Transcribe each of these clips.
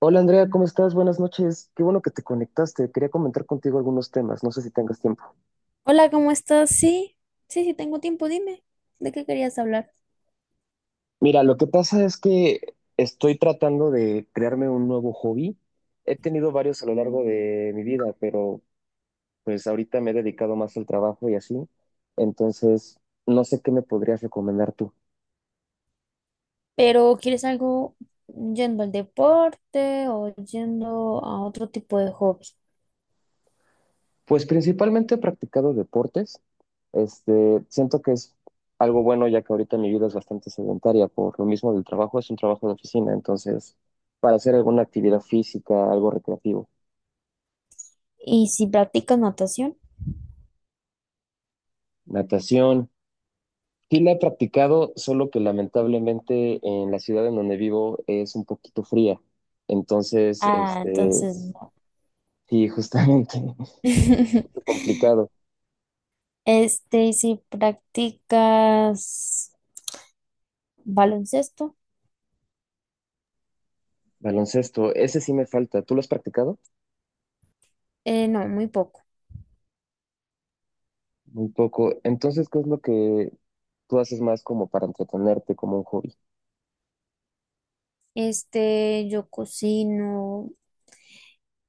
Hola, Andrea, ¿cómo estás? Buenas noches. Qué bueno que te conectaste. Quería comentar contigo algunos temas. No sé si tengas tiempo. Hola, ¿cómo estás? Sí, sí, sí, tengo tiempo, dime, ¿de qué querías hablar? Mira, lo que pasa es que estoy tratando de crearme un nuevo hobby. He tenido varios a lo largo de mi vida, pero pues ahorita me he dedicado más al trabajo y así. Entonces, no sé qué me podrías recomendar tú. Pero ¿quieres algo yendo al deporte o yendo a otro tipo de hobby? Pues principalmente he practicado deportes. Siento que es algo bueno ya que ahorita mi vida es bastante sedentaria por lo mismo del trabajo, es un trabajo de oficina, entonces para hacer alguna actividad física, algo recreativo. ¿Y si practicas natación? Natación, sí la he practicado, solo que lamentablemente en la ciudad en donde vivo es un poquito fría, entonces Ah, entonces no. sí, justamente complicado. ¿Y si practicas baloncesto? Baloncesto, ese sí me falta. ¿Tú lo has practicado? No, muy poco. Muy poco. Entonces, ¿qué es lo que tú haces más como para entretenerte, como un hobby? Yo cocino,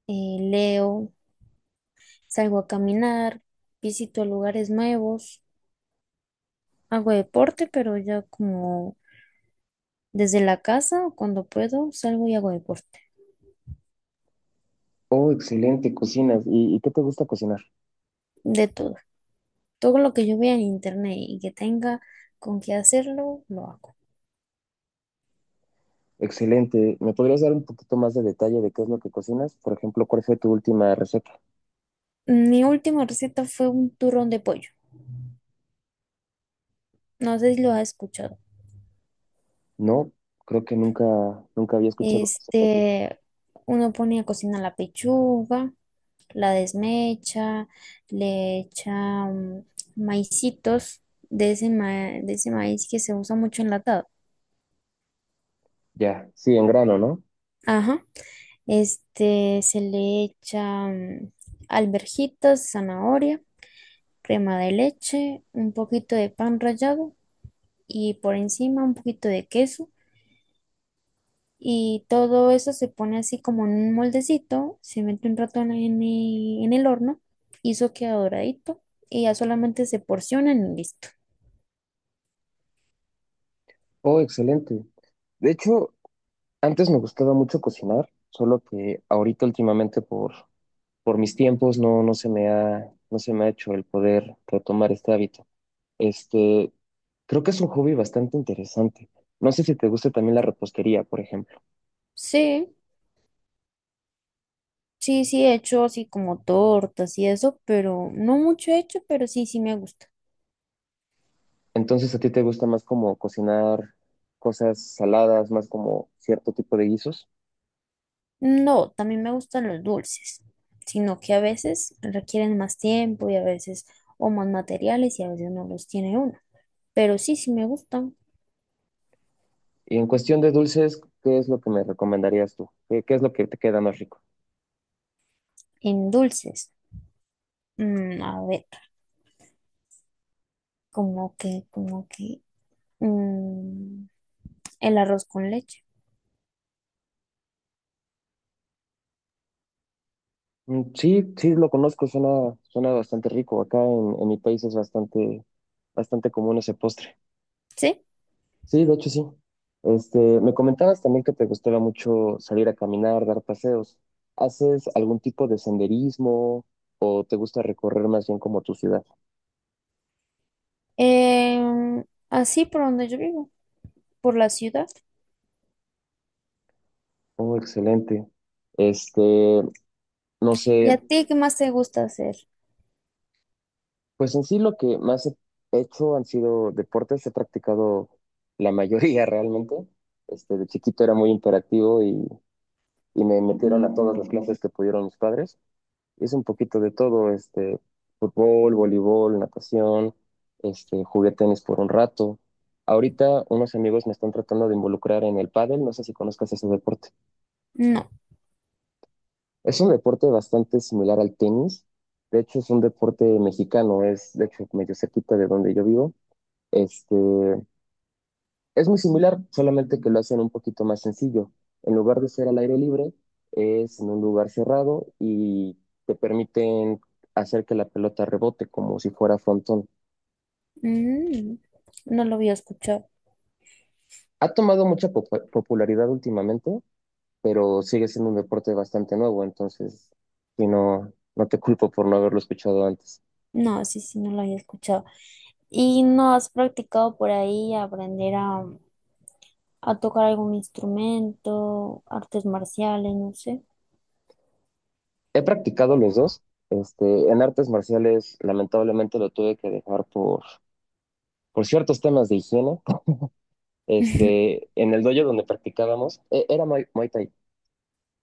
leo, salgo a caminar, visito lugares nuevos, hago deporte, pero ya como. Desde la casa, cuando puedo, salgo y hago deporte. Oh, excelente, cocinas. ¿Y qué te gusta cocinar? De todo. Todo lo que yo vea en internet y que tenga con qué hacerlo, lo hago. Excelente. ¿Me podrías dar un poquito más de detalle de qué es lo que cocinas? Por ejemplo, ¿cuál fue tu última receta? Mi última receta fue un turrón de pollo. No sé si lo has escuchado. No, creo que nunca había escuchado eso para ti. Este, Uno pone a cocinar la pechuga, la desmecha, le echa mm, maicitos de ese, de ese maíz que se usa mucho enlatado. Ya, sí, en grano, ¿no? Ajá. Este, se le echa alverjitas, zanahoria, crema de leche, un poquito de pan rallado y por encima un poquito de queso. Y todo eso se pone así como en un moldecito, se mete un rato en el horno y eso queda doradito y ya solamente se porcionan y listo. Oh, excelente. De hecho, antes me gustaba mucho cocinar, solo que ahorita últimamente por mis tiempos no se me ha hecho el poder retomar este hábito. Este, Creo que es un hobby bastante interesante. No sé si te gusta también la repostería, por ejemplo. Sí, sí, sí he hecho así como tortas y eso, pero no mucho he hecho, pero sí, sí me gusta. Entonces, ¿a ti te gusta más como cocinar cosas saladas, más como cierto tipo de guisos? No, también me gustan los dulces, sino que a veces requieren más tiempo y a veces o más materiales y a veces no los tiene uno. Pero sí, sí me gustan Y en cuestión de dulces, ¿qué es lo que me recomendarías tú? ¿Qué es lo que te queda más rico? en dulces. Mm, a ver, como que, como que, mm, el arroz con leche, Mm, sí, sí, lo conozco, suena, suena bastante rico. Acá en mi país es bastante, bastante común ese postre. ¿sí? Sí, de hecho sí. Me comentabas también que te gustaba mucho salir a caminar, dar paseos. ¿Haces algún tipo de senderismo o te gusta recorrer más bien como tu ciudad? Así por donde yo vivo, por la ciudad. Oh, excelente. Este, no ¿Y sé, a ti qué más te gusta hacer? pues en sí lo que más he hecho han sido deportes, he practicado la mayoría realmente. De chiquito era muy imperactivo y me metieron a todas las clases que pudieron mis padres. Es un poquito de todo, fútbol, voleibol, natación, jugué tenis por un rato. Ahorita unos amigos me están tratando de involucrar en el pádel, no sé si conozcas ese deporte. No, Es un deporte bastante similar al tenis, de hecho es un deporte mexicano, es de hecho medio cerquita de donde yo vivo. Este, Es muy similar, solamente que lo hacen un poquito más sencillo. En lugar de ser al aire libre, es en un lugar cerrado y te permiten hacer que la pelota rebote como si fuera frontón. mm, no lo había escuchado. Ha tomado mucha popularidad últimamente, pero sigue siendo un deporte bastante nuevo, entonces y no te culpo por no haberlo escuchado antes. No, sí, sí, no lo había escuchado. ¿Y no has practicado por ahí aprender a tocar algún instrumento, artes marciales, no sé? He practicado los dos. En artes marciales, lamentablemente lo tuve que dejar por ciertos temas de higiene. En el dojo donde practicábamos, era Muay Thai.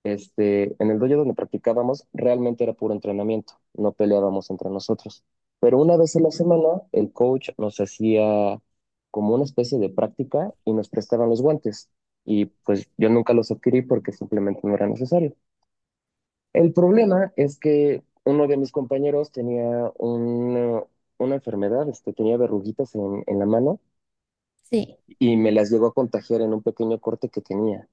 En el dojo donde practicábamos realmente era puro entrenamiento, no peleábamos entre nosotros. Pero una vez a la semana el coach nos hacía como una especie de práctica y nos prestaban los guantes. Y pues yo nunca los adquirí porque simplemente no era necesario. El problema es que uno de mis compañeros tenía una enfermedad, tenía verruguitas en la mano Sí, o y me las llegó a contagiar en un pequeño corte que tenía.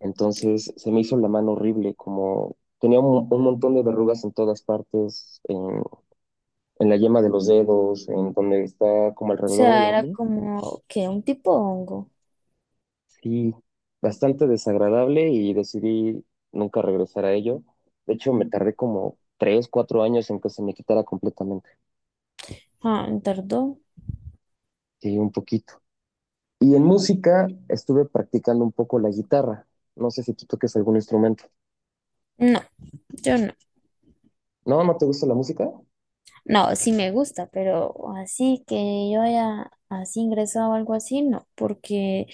Entonces se me hizo la mano horrible, como tenía un montón de verrugas en todas partes, en la yema de los dedos, en donde está como alrededor de sea, la era uña. como que un tipo hongo. Sí, bastante desagradable y decidí nunca regresar a ello. De hecho, me tardé como 3, 4 años en que se me quitara completamente. Ah, tardó. Sí, un poquito. Y en música estuve practicando un poco la guitarra. No sé si tú toques algún instrumento. No, yo no. ¿No? ¿No te gusta la música? No, sí me gusta, pero así que yo haya así ingresado o algo así, no, porque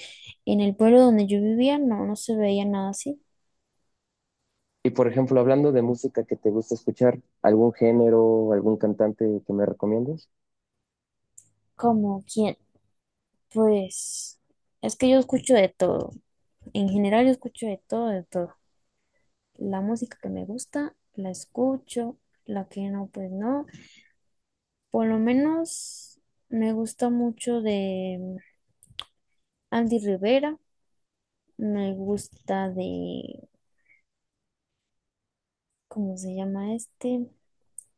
en el pueblo donde yo vivía no, no se veía nada así. Y por ejemplo, hablando de música que te gusta escuchar, ¿algún género, algún cantante que me recomiendes? ¿Como quién? Pues es que yo escucho de todo. En general yo escucho de todo, de todo. La música que me gusta, la escucho, la que no, pues no. Por lo menos me gusta mucho de Andy Rivera, me gusta de, ¿cómo se llama este?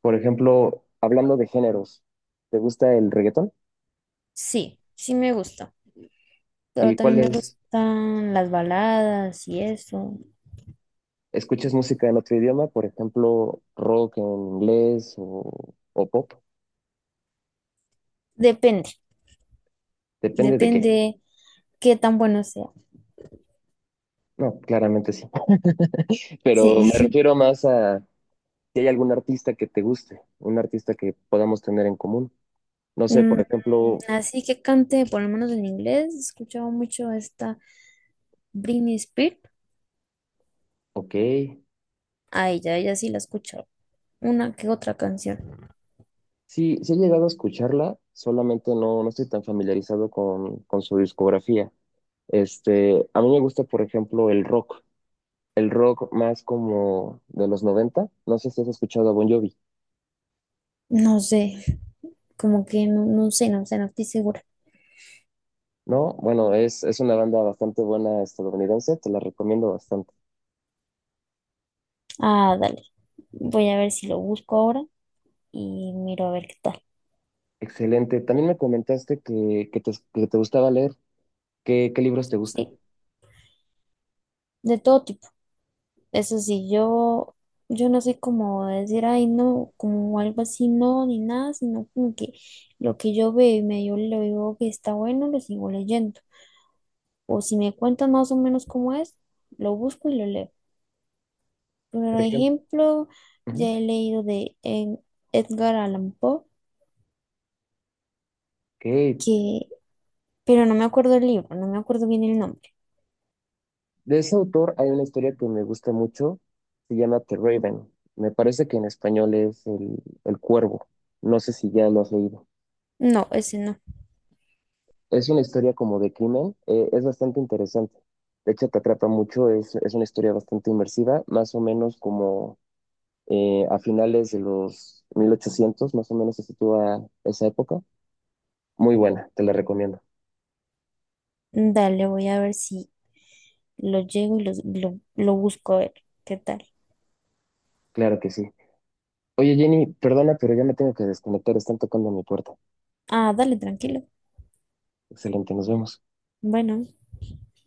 Por ejemplo, hablando de géneros, ¿te gusta el reggaetón? Sí, sí me gusta, pero ¿Y cuál también me es? gustan las baladas y eso. ¿Escuchas música en otro idioma? Por ejemplo, rock en inglés o pop. Depende, Depende de qué. depende qué tan bueno sea. No, claramente sí. Pero me Sí. refiero más a si hay algún artista que te guste, un artista que podamos tener en común. No sé, por Mm, ejemplo, Así que cante, por lo menos en inglés, escuchaba mucho a esta Britney Spears. ok. A ella, ella sí la he escuchado. Una que otra canción. Sí, sí he llegado a escucharla, solamente no estoy tan familiarizado con su discografía. A mí me gusta, por ejemplo, el rock más como de los 90. No sé si has escuchado a Bon Jovi, No sé, como que no, no sé, no sé, no estoy segura. ¿no? Bueno, es una banda bastante buena estadounidense, te la recomiendo bastante. Ah, dale. Voy a ver si lo busco ahora y miro a ver qué tal. Excelente. También me comentaste que te gustaba leer. ¿Qué libros te gustan? Sí, de todo tipo. Eso sí, yo no soy como de decir, ay, no, como algo así, no, ni nada, sino como que lo que yo veo y medio le digo que está bueno, lo sigo leyendo. O si me cuentan más o menos cómo es, lo busco y lo leo. Por Por ejemplo. ejemplo, ya Ujú. he leído de Edgar Allan Poe, Ok. que, pero no me acuerdo el libro, no me acuerdo bien el nombre. De ese autor hay una historia que me gusta mucho, se llama The Raven. Me parece que en español es el Cuervo. No sé si ya lo has leído. No, ese no. Es una historia como de crimen, es bastante interesante. De hecho, te atrapa mucho, es una historia bastante inmersiva, más o menos como a finales de los 1800. Más o menos se sitúa esa época. Muy buena, te la recomiendo. Dale, voy a ver si lo llego y lo busco a ver qué tal. Claro que sí. Oye, Jenny, perdona, pero ya me tengo que desconectar, están tocando mi puerta. Ah, dale, tranquilo. Excelente, nos vemos. Bueno.